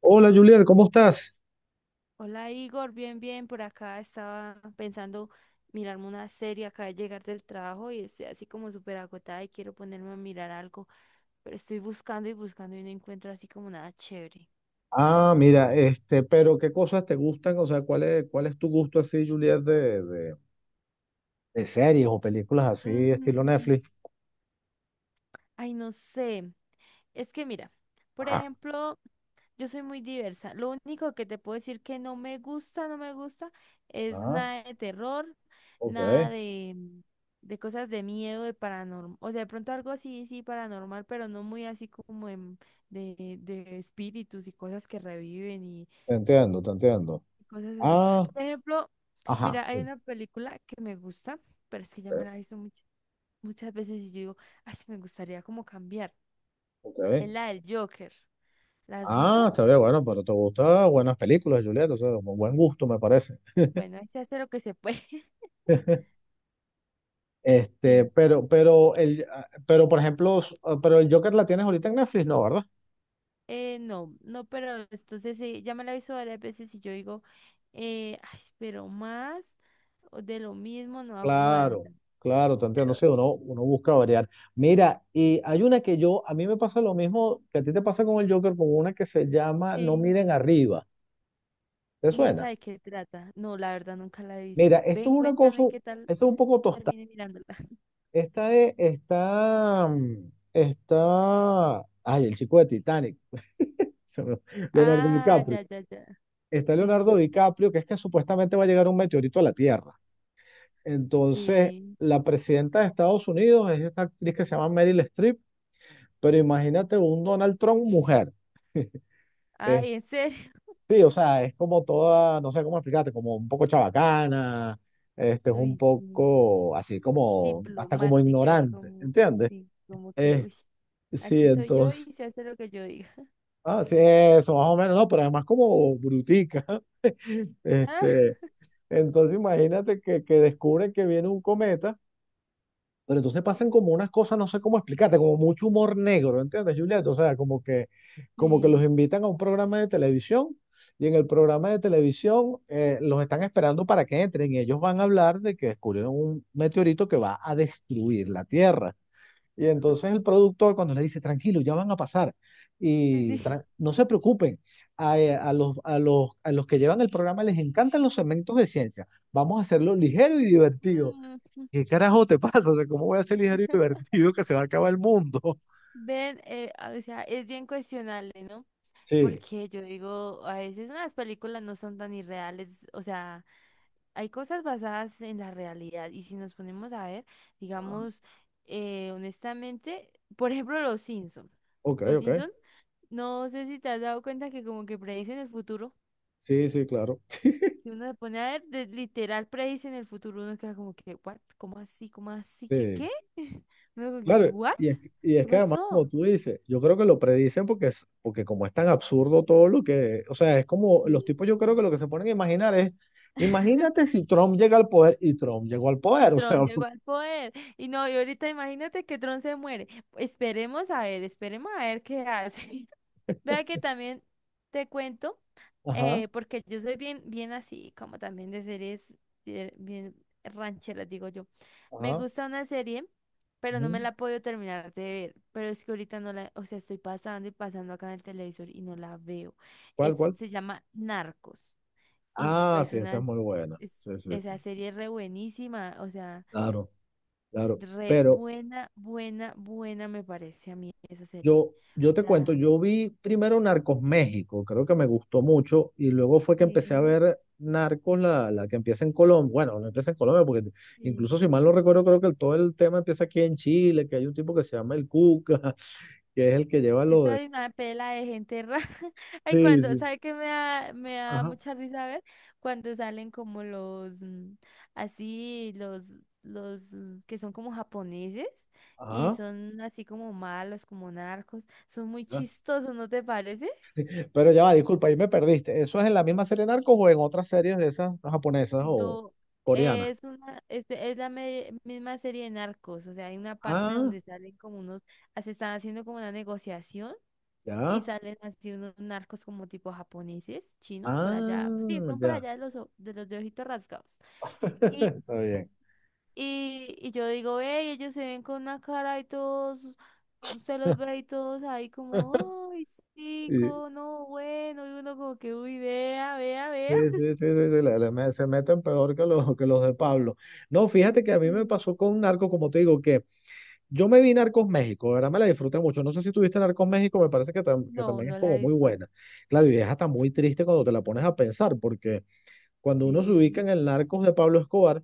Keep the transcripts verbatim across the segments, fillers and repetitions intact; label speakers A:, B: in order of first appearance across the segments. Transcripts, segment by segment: A: Hola Juliet, ¿cómo estás?
B: Hola Igor, bien, bien, por acá estaba pensando mirarme una serie, acá de llegar del trabajo y estoy así como súper agotada y quiero ponerme a mirar algo, pero estoy buscando y buscando y no encuentro así como nada chévere.
A: Ah, mira, este, pero ¿qué cosas te gustan? O sea, ¿cuál es, cuál es tu gusto así, Juliet, de, de, de series o películas así, ¿estilo
B: Mm,
A: Netflix?
B: Ay, no sé. Es que mira, por
A: Ajá.
B: ejemplo, yo soy muy diversa. Lo único que te puedo decir que no me gusta, no me gusta, es
A: Ah,
B: nada de terror,
A: ok,
B: nada
A: te
B: de, de cosas de miedo, de paranormal. O sea, de pronto algo así, sí, paranormal, pero no muy así como en- de, de espíritus y cosas que reviven y
A: entiendo, te entiendo.
B: cosas así.
A: Ah,
B: Por ejemplo,
A: ajá,
B: mira, hay
A: sí,
B: una película que me gusta, pero es que ya me
A: ok.
B: la he visto much- muchas veces y yo digo, ay, sí me gustaría como cambiar.
A: Ok.
B: Es la del Joker. ¿La has visto?
A: Ah, está bien, bueno, pero te gustan buenas películas, Juliet, o sea, con buen gusto me parece.
B: Bueno, ahí se hace lo que se puede.
A: Este,
B: Sí.
A: pero, pero, el, ah, pero, por ejemplo, s- ah, pero el Joker la tienes ahorita en Netflix, ¿no, verdad?
B: Eh, no, no, pero entonces eh, ya me la hizo varias veces y yo digo, eh, ay, pero más o de lo mismo no
A: Claro,
B: aguanta.
A: claro, te entiendo,
B: Pero,
A: sí, uno, uno busca variar. Mira, y hay una que yo, a mí me pasa lo mismo que a ti te pasa con el Joker, con una que se llama No
B: sí.
A: miren arriba. ¿Te
B: ¿Y esa
A: suena?
B: de qué trata? No, la verdad nunca la he
A: Mira,
B: visto.
A: esto
B: Ven,
A: es una cosa,
B: cuéntame qué tal
A: esto es un poco tostada.
B: termine mirándola.
A: Esta es, está, mm, está, Ay, el chico de Titanic, se me- Leonardo
B: Ah,
A: DiCaprio.
B: ya, ya, ya.
A: Está
B: Sí, sí,
A: Leonardo
B: sí.
A: DiCaprio, que es que supuestamente va a llegar un meteorito a la Tierra. Entonces,
B: Sí.
A: la presidenta de Estados Unidos es esta actriz que se llama Meryl Streep. Pero imagínate un Donald Trump mujer. Eh,
B: Ay, en serio.
A: sí, o sea, es como toda, no sé cómo explicarte, como un poco chabacana, este, es un
B: Uy, sí.
A: poco así como, hasta como
B: Diplomática,
A: ignorante,
B: como,
A: ¿entiendes?
B: sí, como que,
A: Eh,
B: uy,
A: sí,
B: aquí soy yo y
A: entonces,
B: se hace lo que yo diga.
A: ah, sí, eso, más o menos, no, pero además como brutica.
B: Ah.
A: Este, entonces imagínate que, que, descubren que viene un cometa. Pero entonces pasan como unas cosas, no sé cómo explicarte, como mucho humor negro, ¿entiendes, Juliet? O sea, como que, como que los
B: Sí,
A: invitan a un programa de televisión y en el programa de televisión eh, los están esperando para que entren y ellos van a hablar de que descubrieron un meteorito que va a destruir la Tierra. Y entonces el productor cuando le dice, tranquilo, ya van a pasar
B: sí, sí.
A: y tran- no se preocupen, a, eh, a los, a los, a los que llevan el programa les encantan los segmentos de ciencia, vamos a hacerlo ligero y divertido.
B: Mm.
A: ¿Qué carajo te pasa? O sea, ¿cómo voy a ser ligero y divertido que se va a acabar el mundo?
B: Ven, eh, ah, o sea, es bien cuestionable, ¿no?
A: Sí,
B: Porque yo digo, a veces las películas no son tan irreales, o sea, hay cosas basadas en la realidad y si nos ponemos a ver, digamos, eh, honestamente, por ejemplo, Los Simpson.
A: ok,
B: Los
A: ok.
B: Simpson, no sé si te has dado cuenta que como que predicen el futuro.
A: Sí, sí, claro.
B: Y uno se pone a ver, de- literal, predice en el futuro, uno queda como que, ¿what? ¿Cómo así? ¿Cómo así? ¿Qué
A: Sí,
B: qué? Uno como que,
A: claro.
B: ¿what?
A: Y es, y es
B: ¿Qué
A: que además, como
B: pasó?
A: tú dices, yo creo que lo predicen porque es, porque como es tan absurdo todo lo que, o sea, es como los
B: Sí,
A: tipos, yo creo que
B: sí.
A: lo que se ponen a imaginar es, imagínate si Trump llega al poder y Trump llegó al
B: Y
A: poder, o sea.
B: Tron llegó al poder. Y no, y ahorita imagínate que Tron se muere. Esperemos a ver, esperemos a ver qué hace. Vea que también te cuento,
A: Ajá,
B: eh, porque yo soy bien, bien así, como también de series eh, bien rancheras, digo yo. Me
A: ajá,
B: gusta una serie, pero no
A: ujú.
B: me la puedo terminar de ver. Pero es que ahorita no la, o sea, estoy pasando y pasando acá en el televisor y no la veo.
A: ¿Cuál,
B: Es,
A: cuál?
B: se llama Narcos. Y
A: Ah,
B: pues
A: sí, esa es
B: unas,
A: muy buena.
B: es-
A: Sí, sí,
B: esa
A: sí.
B: serie es re buenísima, o sea,
A: Claro, claro.
B: re
A: Pero,
B: buena, buena, buena me parece a mí esa serie.
A: Yo, yo te
B: O
A: cuento,
B: sea,
A: yo vi primero Narcos México, creo que me gustó mucho, y luego fue que empecé a
B: sí,
A: ver Narcos, la, la que empieza en Colombia. Bueno, no empieza en Colombia, porque
B: sí.
A: incluso si mal no recuerdo, creo que el- todo el tema empieza aquí en Chile, que hay un tipo que se llama el Cuca, que es el que lleva lo de.
B: Esta es una pela de gente rara. Ay,
A: Sí,
B: cuando,
A: sí.
B: ¿sabe qué me da, me da
A: Ajá,
B: mucha risa ver? Cuando salen como los, mm, así, los, los mm, que son como japoneses y
A: ajá.
B: son así como malos, como narcos. Son muy
A: Ajá.
B: chistosos, ¿no te parece?
A: Pero ya va, disculpa, ahí me perdiste. ¿Eso es en la misma serie Narcos o en otras series de esas japonesas o
B: No,
A: coreanas?
B: es una, este, es la me- misma serie de narcos. O sea, hay una parte
A: Ah,
B: donde salen como unos, ah, se están haciendo como una negociación. Y
A: ya.
B: salen así unos narcos como tipo japoneses, chinos por allá. Sí,
A: Ah,
B: están por
A: ya.
B: allá de los, o- de los de ojitos rasgados. Y,
A: Está bien.
B: y, y yo digo, hey, ellos se ven con una cara y todos, usted los ve y todos ahí como, ay,
A: Y-
B: chico, no, bueno. Y uno como que, uy, vea, vea,
A: Sí,
B: vea.
A: sí, sí, sí, sí, le- le me- se meten peor que los, que los de Pablo. No, fíjate que a mí me
B: Sí.
A: pasó con Narcos, como te digo, que yo me vi Narcos México, de ¿verdad? Me la disfruté mucho. No sé si tuviste Narcos México, me parece que, tam- que
B: No,
A: también es
B: no la
A: como
B: he
A: muy
B: visto.
A: buena. Claro, y es hasta muy triste cuando te la pones a pensar, porque cuando uno se ubica
B: Sí,
A: en el Narcos de Pablo Escobar,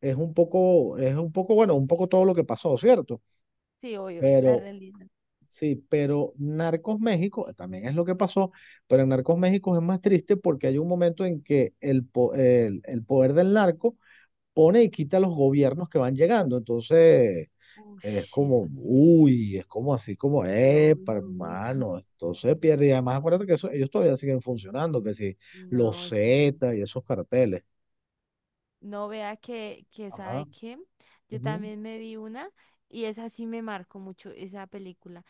A: es un poco, es un poco, bueno, un poco todo lo que pasó, ¿cierto?
B: sí, obvio, la realidad.
A: Sí, pero Narcos México también es lo que pasó, pero en Narcos México es más triste porque hay un momento en que el, po- el, el poder del narco pone y quita a los gobiernos que van llegando. Entonces
B: Uy,
A: es
B: eso
A: como,
B: sí es,
A: uy, es como así como,
B: sí,
A: eh,
B: obvio, obvio.
A: hermano, esto se pierde. Y además acuérdate que eso, ellos todavía siguen funcionando, que sí, los
B: No, sí.
A: Z y esos carteles.
B: No vea que, que
A: Ajá.
B: sabe que yo
A: Ujú,
B: también me vi una y esa sí me marcó mucho, esa película.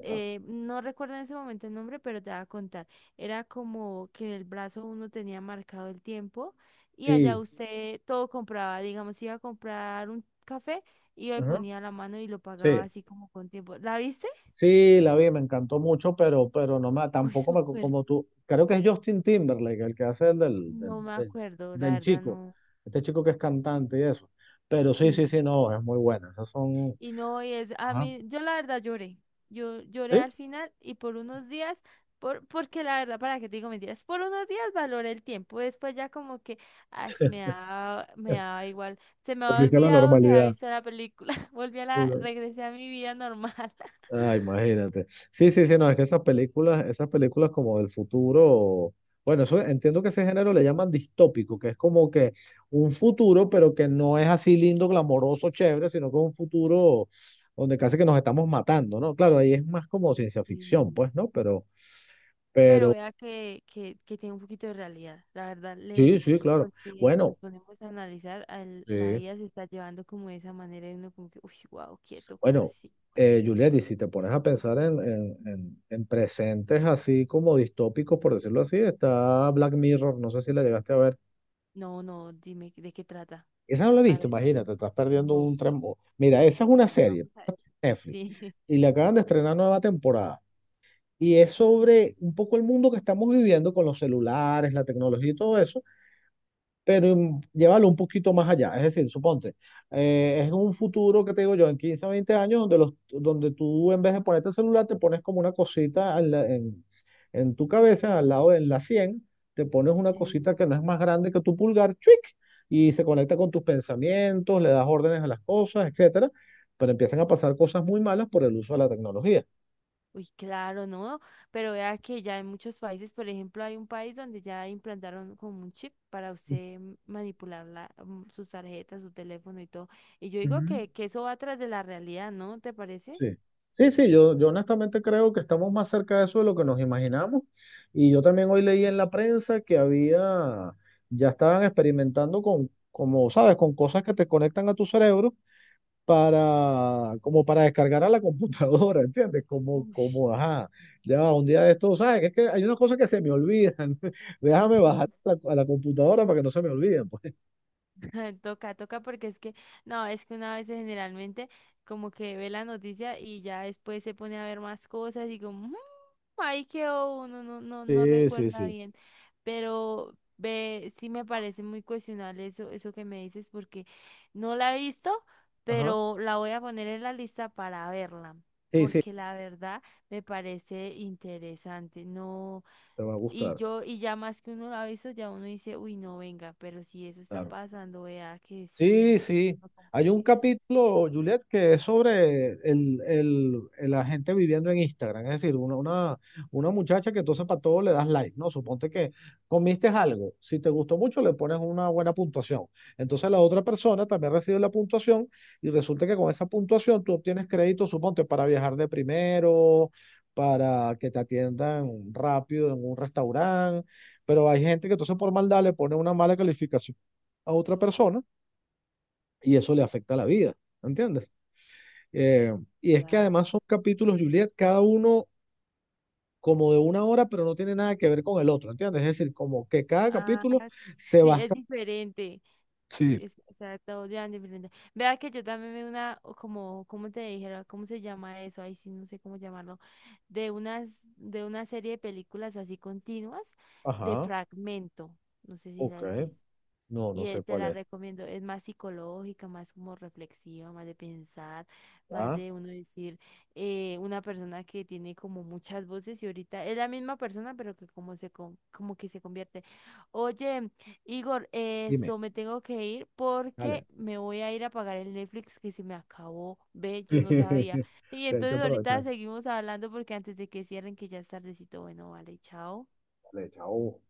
A: ajá.
B: Eh, no recuerdo en ese momento el nombre, pero te voy a contar. Era como que en el brazo uno tenía marcado el tiempo y allá
A: Sí.
B: usted todo compraba, digamos, iba a comprar un café, iba y
A: Ajá.
B: ponía la mano y lo pagaba
A: Sí.
B: así como con tiempo. ¿La viste?
A: Sí, la vi, me encantó mucho, pero, pero no me,
B: Uy,
A: tampoco me, co-
B: súper,
A: como tú, creo que es Justin Timberlake el que hace el del,
B: no
A: del,
B: me
A: del,
B: acuerdo, la
A: del
B: verdad
A: chico,
B: no.
A: este chico que es cantante y eso. Pero sí, sí,
B: Sí.
A: sí, no, es muy buena. Esas son,
B: Y no, y es, a
A: ajá,
B: mí, yo la verdad lloré. Yo lloré
A: sí.
B: al final y por unos días, por, porque la verdad, para qué te digo mentiras, por unos días valoré el tiempo. Después ya como que, ay, me da, me da igual. Se me había
A: Volviste a la
B: olvidado que había
A: normalidad.
B: visto la película. Volví a la, regresé a mi vida normal.
A: Ah, imagínate. Sí, sí, sí, no, es que esas películas, esas películas, como del futuro, bueno, eso entiendo que ese género le llaman distópico, que es como que un futuro, pero que no es así lindo, glamoroso, chévere, sino que es un futuro donde casi que nos estamos matando, ¿no? Claro, ahí es más como ciencia ficción,
B: Sí.
A: pues, ¿no? Pero
B: Pero vea que, que, que tiene un poquito de realidad. La verdad, le
A: sí,
B: vi.
A: sí, claro.
B: Porque si nos
A: Bueno,
B: ponemos a analizar, al- la
A: sí.
B: vida se está llevando como de esa manera y uno como que, uy, wow, quieto, como
A: Bueno,
B: así ¿cómo
A: eh,
B: así?
A: Juliet, y si te pones a pensar en, en, en, en presentes así como distópicos, por decirlo así, está Black Mirror, no sé si la llegaste a ver.
B: No, no, dime de qué trata.
A: Esa no la he
B: A
A: visto,
B: ver si me
A: imagínate, estás
B: entiendo.
A: perdiendo
B: No.
A: un tren. Mira, esa es una
B: Bueno,
A: serie,
B: vamos a ver.
A: Netflix,
B: Sí,
A: y le acaban de estrenar nueva temporada. Y es sobre un poco el mundo que estamos viviendo con los celulares, la tecnología y todo eso, pero mm, llévalo un poquito más allá. Es decir, suponte, eh, es un futuro que te digo yo, en quince a veinte años, donde, los, donde tú en vez de ponerte el celular, te pones como una cosita en, la- en- en tu cabeza, al
B: sí,
A: lado de la cien, te pones una
B: sí.
A: cosita que no es más grande que tu pulgar, ¡chuic! Y se conecta con tus pensamientos, le das órdenes a las cosas, etcétera, pero empiezan a pasar cosas muy malas por el uso de la tecnología.
B: Uy, claro, ¿no? Pero vea que ya en muchos países, por ejemplo, hay un país donde ya implantaron como un chip para usted manipular la, mm, sus tarjetas, su teléfono y todo. Y yo digo
A: Ujú.
B: que, que eso va tras de la realidad, ¿no? ¿Te parece?
A: Sí. Sí, sí, yo, yo honestamente creo que estamos más cerca de eso de lo que nos imaginamos. Y yo también hoy leí en la prensa que había, ya estaban experimentando con, como sabes, con cosas que te conectan a tu cerebro para, como para descargar a la computadora, ¿entiendes? Como,
B: Uf.
A: como, ajá, ya va, un día de esto, ¿sabes? Es que hay unas cosas que se me olvidan. Déjame bajar a la, a la computadora para que no se me olviden, pues.
B: Toca, toca porque es que, no, es que una vez generalmente como que ve la noticia y ya después se pone a ver más cosas y como, "Mm, ahí quedó uno, no, no, no
A: Sí, sí,
B: recuerda
A: sí.
B: bien". Pero ve, sí me parece muy cuestionable eso, eso que me dices porque no la he visto,
A: Ajá.
B: pero la voy a poner en la lista para verla,
A: Sí, sí,
B: porque la verdad me parece interesante. No.
A: te va a
B: Y
A: gustar.
B: yo, y ya más que uno lo ha visto, ya uno dice, uy, no, venga, pero si eso está
A: Claro.
B: pasando, vea que sí,
A: Sí,
B: entonces
A: sí.
B: uno como
A: Hay un
B: que,
A: capítulo, Juliet, que es sobre el, el- el- la gente viviendo en Instagram. Es decir, una, una, una muchacha que entonces para todo le das like, ¿no? Suponte que comiste algo. Si te gustó mucho, le pones una buena puntuación. Entonces la otra persona también recibe la puntuación y resulta que con esa puntuación tú obtienes crédito, suponte, para viajar de primero, para que te atiendan rápido en un restaurante. Pero hay gente que entonces por maldad le pone una mala calificación a otra persona y eso le afecta la vida, ¿entiendes? Eh, y es que además
B: claro,
A: son capítulos, Juliet, cada uno como de una hora, pero no tiene nada que ver con el otro, ¿entiendes? Es decir, como que cada
B: ah,
A: capítulo se
B: sí, es
A: basta.
B: diferente,
A: Sí.
B: es, o sea, todo ya es diferente. Vea que yo también veo una, o como, ¿cómo te dijera? ¿Cómo se llama eso? Ahí sí, no sé cómo llamarlo, de unas, de una serie de películas así continuas, de
A: Ajá,
B: fragmento, no sé si
A: ok.
B: las viste.
A: No, no
B: Y eh,
A: sé
B: te
A: cuál
B: la
A: es.
B: recomiendo, es más psicológica, más como reflexiva, más de pensar, más
A: Ah,
B: de uno decir, eh, una persona que tiene como muchas voces y ahorita es la misma persona, pero que como se con- como que se convierte. Oye, Igor, eh,
A: dime,
B: esto me tengo que ir porque
A: dale.
B: me voy a ir a pagar el Netflix que se me acabó. Ve, yo no sabía.
A: O
B: Y
A: sea, hay que
B: entonces ahorita
A: aprovechar.
B: seguimos hablando porque antes de que cierren, que ya es tardecito, bueno, vale, chao.
A: Dale, chao.